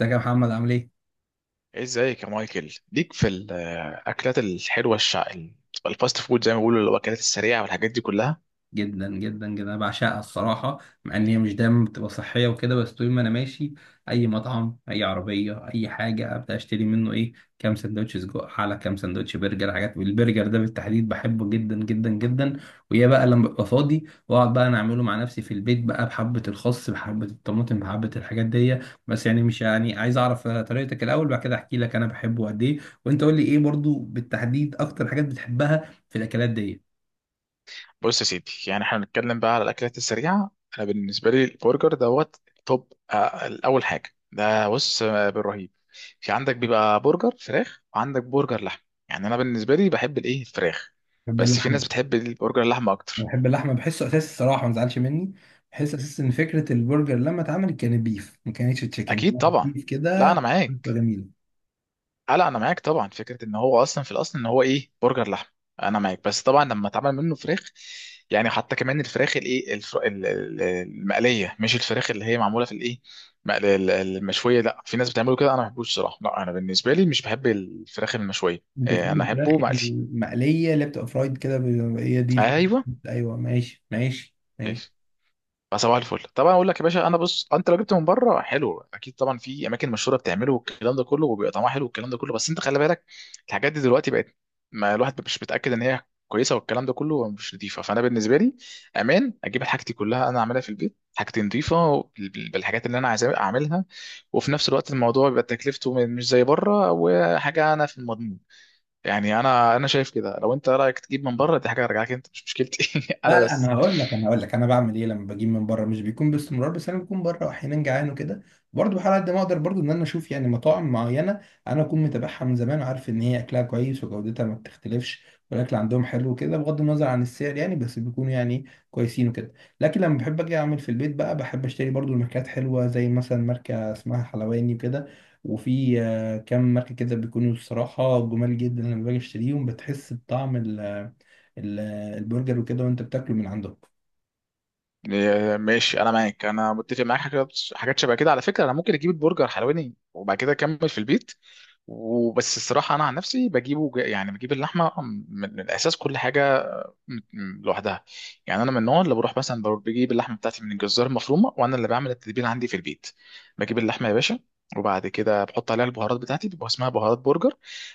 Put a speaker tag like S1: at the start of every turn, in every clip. S1: ازيك يا محمد عامل ايه؟
S2: ازيك يا مايكل ليك في الاكلات الحلوه الفاست فود زي ما بيقولوا الاكلات السريعه والحاجات دي كلها.
S1: جدا جدا جدا، انا بعشقها الصراحه. مع ان هي مش دايما بتبقى صحيه وكده، بس طول ما انا ماشي اي مطعم، اي عربيه، اي حاجه، ابدا اشتري منه ايه، كام سندوتش سجق، على كام سندوتش برجر، حاجات. والبرجر ده بالتحديد بحبه جدا جدا جدا. ويا بقى لما ببقى فاضي واقعد بقى انا اعمله مع نفسي في البيت بقى، بحبه الخس، بحبه الطماطم، بحبه الحاجات دي. بس يعني مش يعني عايز اعرف طريقتك الاول، بعد كده احكي لك انا بحبه قد ايه. وانت قول لي ايه برضو بالتحديد اكتر حاجات بتحبها في الاكلات دي؟
S2: بص يا سيدي، يعني احنا بنتكلم بقى على الاكلات السريعه. انا بالنسبه لي البرجر دوت توب. اول حاجه ده بص، بالرهيب. في عندك بيبقى برجر فراخ وعندك برجر لحم. يعني انا بالنسبه لي بحب الايه الفراخ،
S1: بحب
S2: بس في
S1: اللحمه.
S2: ناس بتحب البرجر اللحمه
S1: انا
S2: اكتر.
S1: بحب اللحمه، بحسه اساس الصراحه، ما تزعلش مني. بحس اساس ان فكره البرجر لما اتعملت كانت بيف، ما كانتش تشيكن.
S2: اكيد طبعا.
S1: بيف
S2: لا
S1: كده،
S2: انا
S1: بتبقى
S2: معاك.
S1: جميله.
S2: اه، لا انا معاك طبعا، فكره ان هو اصلا في الاصل ان هو ايه برجر لحم. انا معاك، بس طبعا لما اتعمل منه فراخ. يعني حتى كمان الفراخ الايه المقليه، مش الفراخ اللي هي معموله في الايه المشويه. لا في ناس بتعمله كده، انا ما بحبوش صراحه. لا انا بالنسبه لي مش بحب الفراخ المشويه،
S1: انت بتحب
S2: انا
S1: الفراخ
S2: احبه مقلي.
S1: المقليه اللي بتبقى فرايد كده، هي دي الفكرة.
S2: ايوه.
S1: ايوه ماشي ماشي ماشي.
S2: فصباح الفل طبعا. اقول لك يا باشا، انا بص، انت لو جبت من بره حلو اكيد طبعا في اماكن مشهوره بتعمله والكلام ده كله، وبيبقى طعمها حلو والكلام ده كله، بس انت خلي بالك. الحاجات دي دلوقتي بقت، ما الواحد مش متاكد ان هي كويسه والكلام ده كله، مش نظيفه. فانا بالنسبه لي امان اجيب حاجتي كلها انا اعملها في البيت، حاجتي نظيفه بالحاجات اللي انا عايز اعملها. وفي نفس الوقت الموضوع بيبقى تكلفته مش زي بره وحاجه، انا في المضمون. يعني انا شايف كده، لو انت رايك تجيب من بره دي حاجه ارجع لك، انت مش مشكلتي
S1: لا
S2: انا
S1: لا،
S2: بس.
S1: انا هقول لك، انا بعمل ايه لما بجيب من بره. مش بيكون باستمرار، بس انا بكون بره واحيانا جعان وكده، برضه بحاول قد ما اقدر برضه ان انا اشوف يعني مطاعم معينه انا اكون متابعها من زمان وعارف ان هي اكلها كويس وجودتها ما بتختلفش، والاكل عندهم حلو كده بغض النظر عن السعر يعني، بس بيكونوا يعني كويسين وكده. لكن لما بحب اجي اعمل في البيت بقى، بحب اشتري برضه الماركات حلوه زي مثلا ماركه اسمها حلواني وكده. وفي كام ماركه كده بيكونوا الصراحه جمال جدا، لما باجي اشتريهم بتحس بطعم ال- البرجر وكده وانت بتاكله من عندهم.
S2: إيه، ماشي. انا معاك، انا متفق معاك. حاجات حاجات شبه كده. على فكره انا ممكن اجيب البرجر حلواني وبعد كده اكمل في البيت. وبس الصراحه انا عن نفسي بجيبه يعني بجيب اللحمه من الاساس كل حاجه لوحدها. يعني انا من النوع اللي بروح مثلا، بروح بجيب اللحمه بتاعتي من الجزار المفرومه، وانا اللي بعمل التتبيله عندي في البيت. بجيب اللحمه يا باشا، وبعد كده بحط عليها البهارات بتاعتي، بيبقى اسمها بهارات برجر.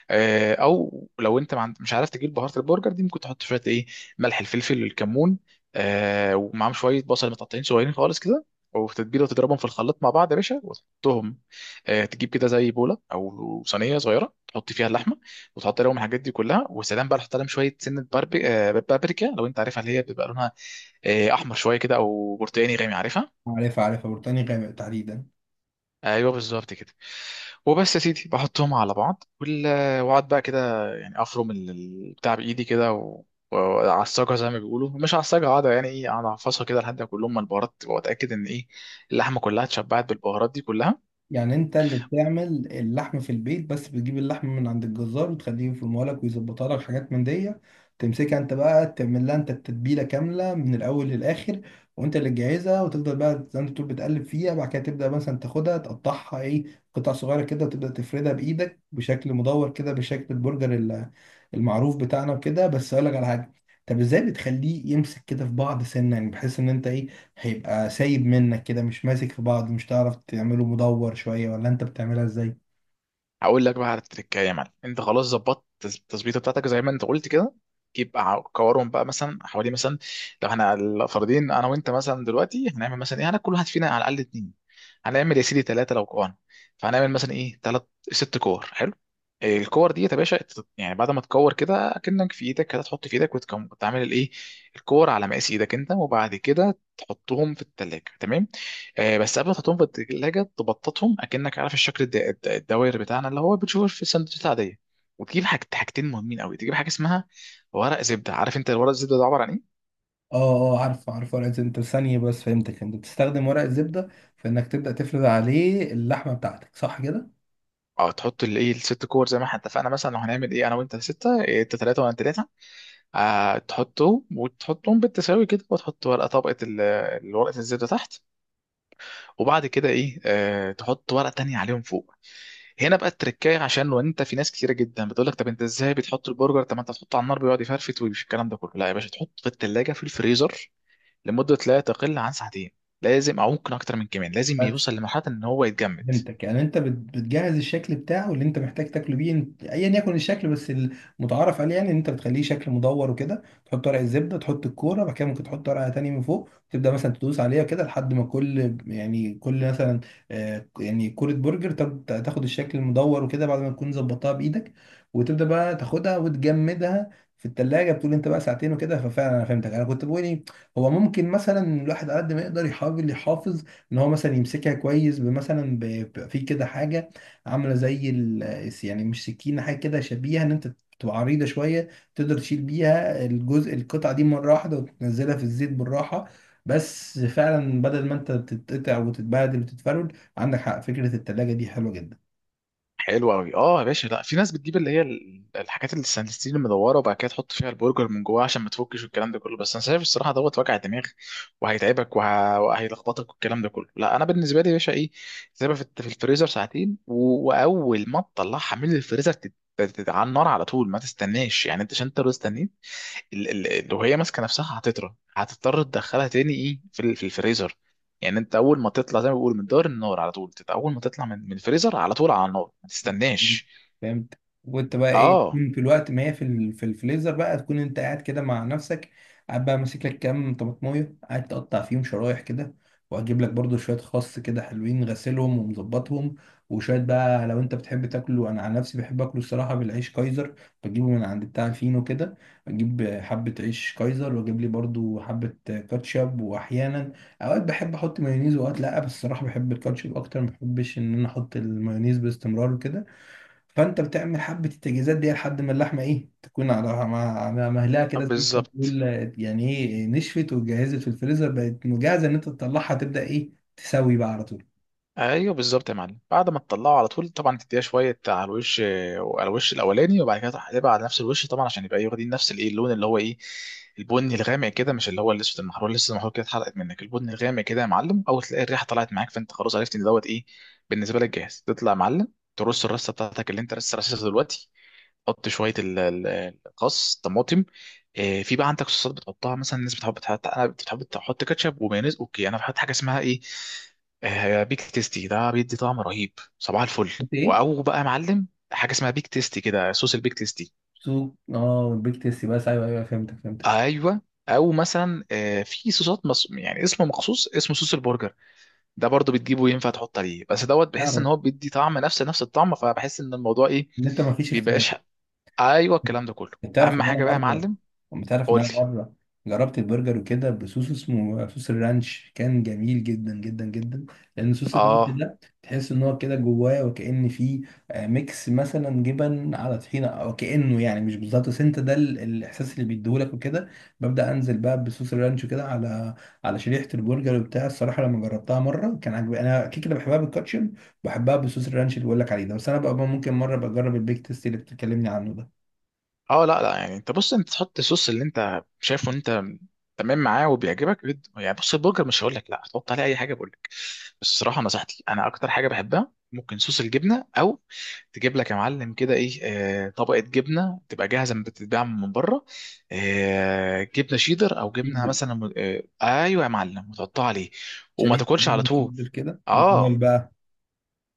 S2: او لو انت ما عند- مش عارف تجيب بهارات البرجر دي، ممكن تحط شويه ايه: ملح، الفلفل، الكمون. ومعاهم شويه بصل متقطعين صغيرين خالص كده، وتتبيله، وتضربهم في الخلاط مع بعض يا باشا، وتحطهم. تجيب كده زي بوله او صينيه صغيره، تحط فيها اللحمه وتحط لهم الحاجات دي كلها وسلام بقى. تحط لهم شويه سنه باربي... آه، بابريكا لو انت عارفها، اللي هي بيبقى لونها احمر شويه كده او برتقاني غامق، عارفها.
S1: عارفها عارفها، بريطانيا غامق تحديدا.
S2: ايوه بالظبط كده. وبس يا سيدي بحطهم على بعض واقعد بقى كده، يعني افرم بتاع بايدي كده وعصجها زي ما بيقولوا، مش عصجها قاعده، يعني ايه اقعد اعفصها كده لحد ما كلهم من البهارات، واتاكد ان ايه اللحمه كلها اتشبعت بالبهارات دي كلها.
S1: يعني انت اللي بتعمل اللحم في البيت، بس بتجيب اللحم من عند الجزار وتخليه يفرمه لك ويظبطها لك حاجات من دي. تمسكها انت بقى، تعمل لها انت التتبيله كامله من الاول للاخر. وانت اللي تجهزها وتفضل بقى زي ما تقول بتقلب فيها، بعد كده تبدا مثلا تاخدها تقطعها ايه قطع صغيره كده، وتبدا تفردها بايدك بشكل مدور كده، بشكل البرجر المعروف بتاعنا وكده. بس اقول لك على حاجه، طب ازاي بتخليه يمسك كده في بعض سنه؟ يعني بحيث ان انت ايه، هيبقى سايب منك كده، مش ماسك في بعض، مش تعرف تعمله مدور شوية، ولا انت بتعملها ازاي؟
S2: هقول لك بقى على التركايه يا معلم. انت خلاص ظبطت التظبيطه بتاعتك زي ما انت قلت كده، جيب بقى كورهم بقى مثلا حوالي مثلا، لو احنا الفردين انا وانت مثلا دلوقتي هنعمل مثلا ايه، هناكل كل واحد فينا على الاقل اتنين. هنعمل يا سيدي ثلاثه لو كوان. فهنعمل مثلا ايه ثلاث، ست كور. حلو. إيه الكور دي يا باشا يعني بعد ما تكور كده كأنك في ايدك كده، تحط في ايدك وتعمل الايه الكور على مقاس ايدك انت، وبعد كده تحطهم في التلاجة. تمام. بس قبل ما تحطهم في التلاجة تبططهم، اكنك عارف الشكل الدوائر بتاعنا اللي هو بتشوفه في السندوتشات العادية. وتجيب حاجة حاجتين مهمين قوي، تجيب حاجة اسمها ورق زبدة. عارف انت الورق الزبدة ده عبارة عن ايه؟
S1: اه اه، عارف عارف ورق الزبدة. انت ثانية بس، فهمتك، انت بتستخدم ورق الزبدة في انك تبدأ تفرد عليه اللحمة بتاعتك، صح كده؟
S2: اه، تحط الايه الست كور زي ما احنا اتفقنا، مثلا لو هنعمل ايه انا وانت ستة، إيه، انت ثلاثة وانا ثلاثة. آه تحطهم وتحطهم بالتساوي كده، وتحط ورقة طبقة الورقة الزبدة تحت، وبعد كده ايه آه تحط ورقة تانية عليهم فوق. هنا بقى التركايه عشان لو انت، في ناس كتيره جدا بتقول لك طب انت ازاي بتحط البرجر، طب ما انت تحطه على النار بيقعد يفرفت ومش الكلام ده كله، لا يا باشا تحطه في الثلاجه في الفريزر لمده لا تقل عن ساعتين، لازم، او ممكن اكتر من كمان لازم
S1: بس
S2: يوصل لمرحله ان هو يتجمد.
S1: فهمتك، يعني انت بتجهز الشكل بتاعه اللي انت محتاج تاكله بيه، ايا يكن الشكل، بس المتعارف عليه يعني ان انت بتخليه شكل مدور وكده. تحط ورق الزبده، تحط الكوره، بعد كده ممكن تحط ورقه تاني من فوق، تبدا مثلا تدوس عليها كده لحد ما كل يعني كل مثلا يعني كوره برجر تاخد الشكل المدور وكده بعد ما تكون ظبطتها بايدك. وتبدا بقى تاخدها وتجمدها في التلاجة، بتقول انت بقى 2 ساعات وكده. ففعلا انا فهمتك. انا كنت بقول ايه، هو ممكن مثلا الواحد على قد ما يقدر يحاول يحافظ ان هو مثلا يمسكها كويس بمثلا بيبقى في كده حاجه عامله زي ال، يعني مش سكينه، حاجه كده شبيهه، ان انت بتبقى عريضه شويه تقدر تشيل بيها الجزء القطعه دي مره واحده وتنزلها في الزيت بالراحه، بس فعلا بدل ما انت تتقطع وتتبهدل وتتفرول. عندك حق، فكره التلاجة دي حلوه جدا.
S2: حلو قوي. اه يا باشا، لا، في ناس بتجيب اللي هي الحاجات اللي الستيل المدوره وبعد كده تحط فيها البرجر من جواه عشان ما تفكش والكلام ده كله، بس انا شايف الصراحه دوت وجع دماغ، وهيتعبك وهيلخبطك والكلام ده كله. لا انا بالنسبه لي يا باشا ايه، تسيبها في في الفريزر ساعتين واول ما تطلعها من الفريزر على النار على طول، ما تستناش. يعني انت، عشان انت لو استنيت لو هي ماسكه نفسها هتطرى، هتضطر تدخلها تاني ايه في في الفريزر. يعني انت اول ما تطلع زي ما بيقول من دار النار على طول اول ما تطلع من الفريزر على طول على النار، ما
S1: مم.
S2: تستناش.
S1: فهمت. وانت بقى ايه
S2: اه
S1: تكون في الوقت ما هي في الفريزر بقى، تكون انت قاعد كده مع نفسك، قاعد بقى ماسك لك كام طماطمايه قاعد تقطع فيهم شرايح كده، وهجيب لك برضو شويه خس كده حلوين غسلهم ومظبطهم، وشويه بقى لو انت بتحب تاكله. انا عن نفسي بحب اكله الصراحه بالعيش كايزر، بجيبه من عند بتاع الفينو كده، اجيب حبه عيش كايزر واجيب لي برضو حبه كاتشب. واحيانا اوقات بحب احط مايونيز، واوقات لا، بس الصراحه بحب الكاتشب اكتر، ما بحبش ان انا احط المايونيز باستمرار وكده. فانت بتعمل حبه التجهيزات دي لحد ما اللحمه ايه تكون على مع مهلها كده زي ما انت
S2: بالظبط.
S1: بتقول، يعني ايه نشفت واتجهزت في الفريزر، بقت مجهزه ان انت تطلعها تبدا ايه تسوي بقى على طول.
S2: ايوه بالظبط يا معلم، بعد ما تطلعه على طول طبعا، تديها شويه على الوش، على الوش الاولاني، وبعد كده تقلبها على نفس الوش طبعا عشان يبقى واخدين نفس الايه اللون اللي هو ايه البني الغامق كده، مش اللي هو الاسود المحروق، لسه المحروق كده اتحرقت منك، البني الغامق كده يا معلم. اول تلاقي الريحه طلعت معاك، فانت خلاص عرفت ان دوت ايه، بالنسبه لك جاهز تطلع يا معلم. ترص الرصه بتاعتك اللي انت لسه رصصها دلوقتي، حط شويه الخس، طماطم، في بقى عندك صوصات بتحطها مثلا، الناس بتحب تحط، انا بتحب تحط كاتشب ومايونيز. اوكي انا بحط حاجه اسمها ايه بيك تيستي، ده بيدي طعم رهيب. صباح الفل.
S1: قلت ايه؟
S2: او بقى يا معلم حاجه اسمها بيك تيستي كده، صوص البيك تيستي.
S1: سوق، اه البيك تيستي بس، ايوه ايوه فهمتك فهمتك.
S2: ايوه. او مثلا في صوصات يعني اسمه مخصوص، اسمه صوص البرجر، ده برضو بتجيبه ينفع تحط عليه، بس دوت بحس ان
S1: اعرف
S2: هو بيدي طعم نفس الطعم، فبحس ان الموضوع ايه،
S1: ان انت ما فيش.
S2: بيبقاش. ايوه الكلام ده كله.
S1: انت تعرف
S2: اهم
S1: ان انا
S2: حاجه بقى يا
S1: مره
S2: معلم.
S1: انت تعرف ان
S2: قول
S1: انا
S2: لي.
S1: مره جربت البرجر وكده بصوص اسمه صوص الرانش، كان جميل جدا جدا جدا، لان صوص الرانش
S2: اه
S1: ده تحس ان هو كده جواه وكأن فيه ميكس مثلا جبن على طحينه، او كأنه يعني مش بالظبط، بس انت ده الاحساس اللي بيديهولك وكده. ببدأ انزل بقى بصوص الرانش كده على شريحه البرجر وبتاع. الصراحه لما جربتها مره كان عجبني. انا كده كده بحبها بالكاتشب، بحبها بصوص الرانش اللي بقول لك عليه ده، بس انا بقى ممكن مره بجرب البيك تيست اللي بتكلمني عنه ده.
S2: اه، لا لا، يعني انت بص، انت تحط الصوص اللي انت شايفه ان انت تمام معاه وبيعجبك جد، يعني بص البرجر مش هقول لك لا هتحط عليه اي حاجه، بقول لك بس الصراحه نصيحتي، انا اكتر حاجه بحبها ممكن صوص الجبنه، او تجيب لك يا معلم كده ايه طبقه جبنه تبقى جاهزه من بتتباع من بره، آه جبنه شيدر، او جبنه
S1: تيدر،
S2: مثلا ايوه يا معلم، وتحطها عليه. وما
S1: شديد
S2: تاكلش على
S1: جدا.
S2: طول.
S1: تيدر كده، امال
S2: اه،
S1: بقى.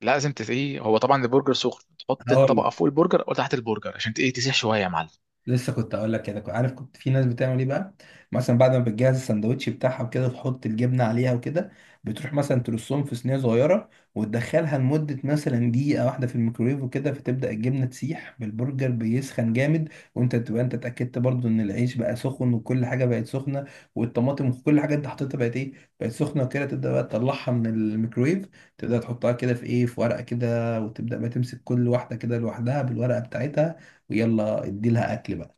S2: لازم ايه هو طبعا البرجر سخن، تحط
S1: هقول
S2: الطبقه
S1: لك،
S2: فوق البرجر او تحت البرجر عشان ايه تسيح شويه يا معلم.
S1: لسه كنت اقول لك كده، كنت عارف. كنت في ناس بتعمل ايه بقى، مثلا بعد ما بتجهز السندوتش بتاعها وكده تحط الجبنه عليها وكده، بتروح مثلا ترصهم في صينيه صغيره وتدخلها لمده مثلا 1 دقيقة في الميكرويف وكده، فتبدا الجبنه تسيح بالبرجر بيسخن جامد، وانت تبقى انت اتاكدت برضو ان العيش بقى سخن، وكل حاجه بقت سخنه، والطماطم وكل حاجه انت حطيتها بقت ايه، بقت سخنه وكده. تبدا بقى تطلعها من الميكرويف، تبدا تحطها كده في ايه في ورقه كده، وتبدا بقى تمسك كل واحده كده لوحدها بالورقه بتاعتها، ويلا ادي لها اكل بقى.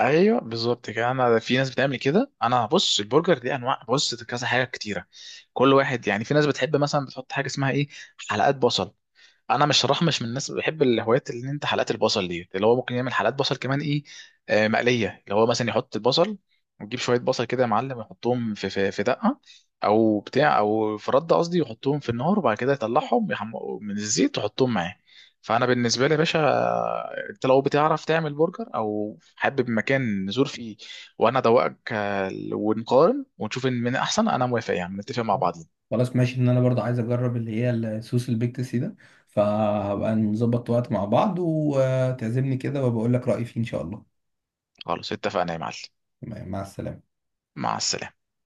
S2: ايوه بالظبط كده. انا في ناس بتعمل كده. انا بص البرجر دي انواع، بص كذا حاجه كتيره، كل واحد يعني، في ناس بتحب مثلا بتحط حاجه اسمها ايه حلقات بصل. انا مش، صراحه مش من الناس اللي بحب الهوايات اللي انت حلقات البصل دي، اللي هو ممكن يعمل حلقات بصل كمان ايه آه مقليه، اللي هو مثلا يحط البصل، ويجيب شويه بصل كده يا معلم، يحطهم في دقه او بتاع، او في رده قصدي، يحطهم في النار وبعد كده يطلعهم يحمقوا من الزيت ويحطهم معاه. فانا بالنسبه لي يا باشا، انت لو بتعرف تعمل برجر او حابب مكان نزور فيه وانا ادوقك، ونقارن ونشوف ان من احسن، انا موافق يعني نتفق مع بعضين.
S1: خلاص ماشي، ان انا برضه عايز اجرب اللي هي السوس البيكتسي ده، فهبقى نظبط وقت مع بعض وتعزمني كده، وبقول لك رأيي فيه ان شاء الله.
S2: خلاص اتفقنا يا معلم.
S1: مع السلامة.
S2: مع السلامه.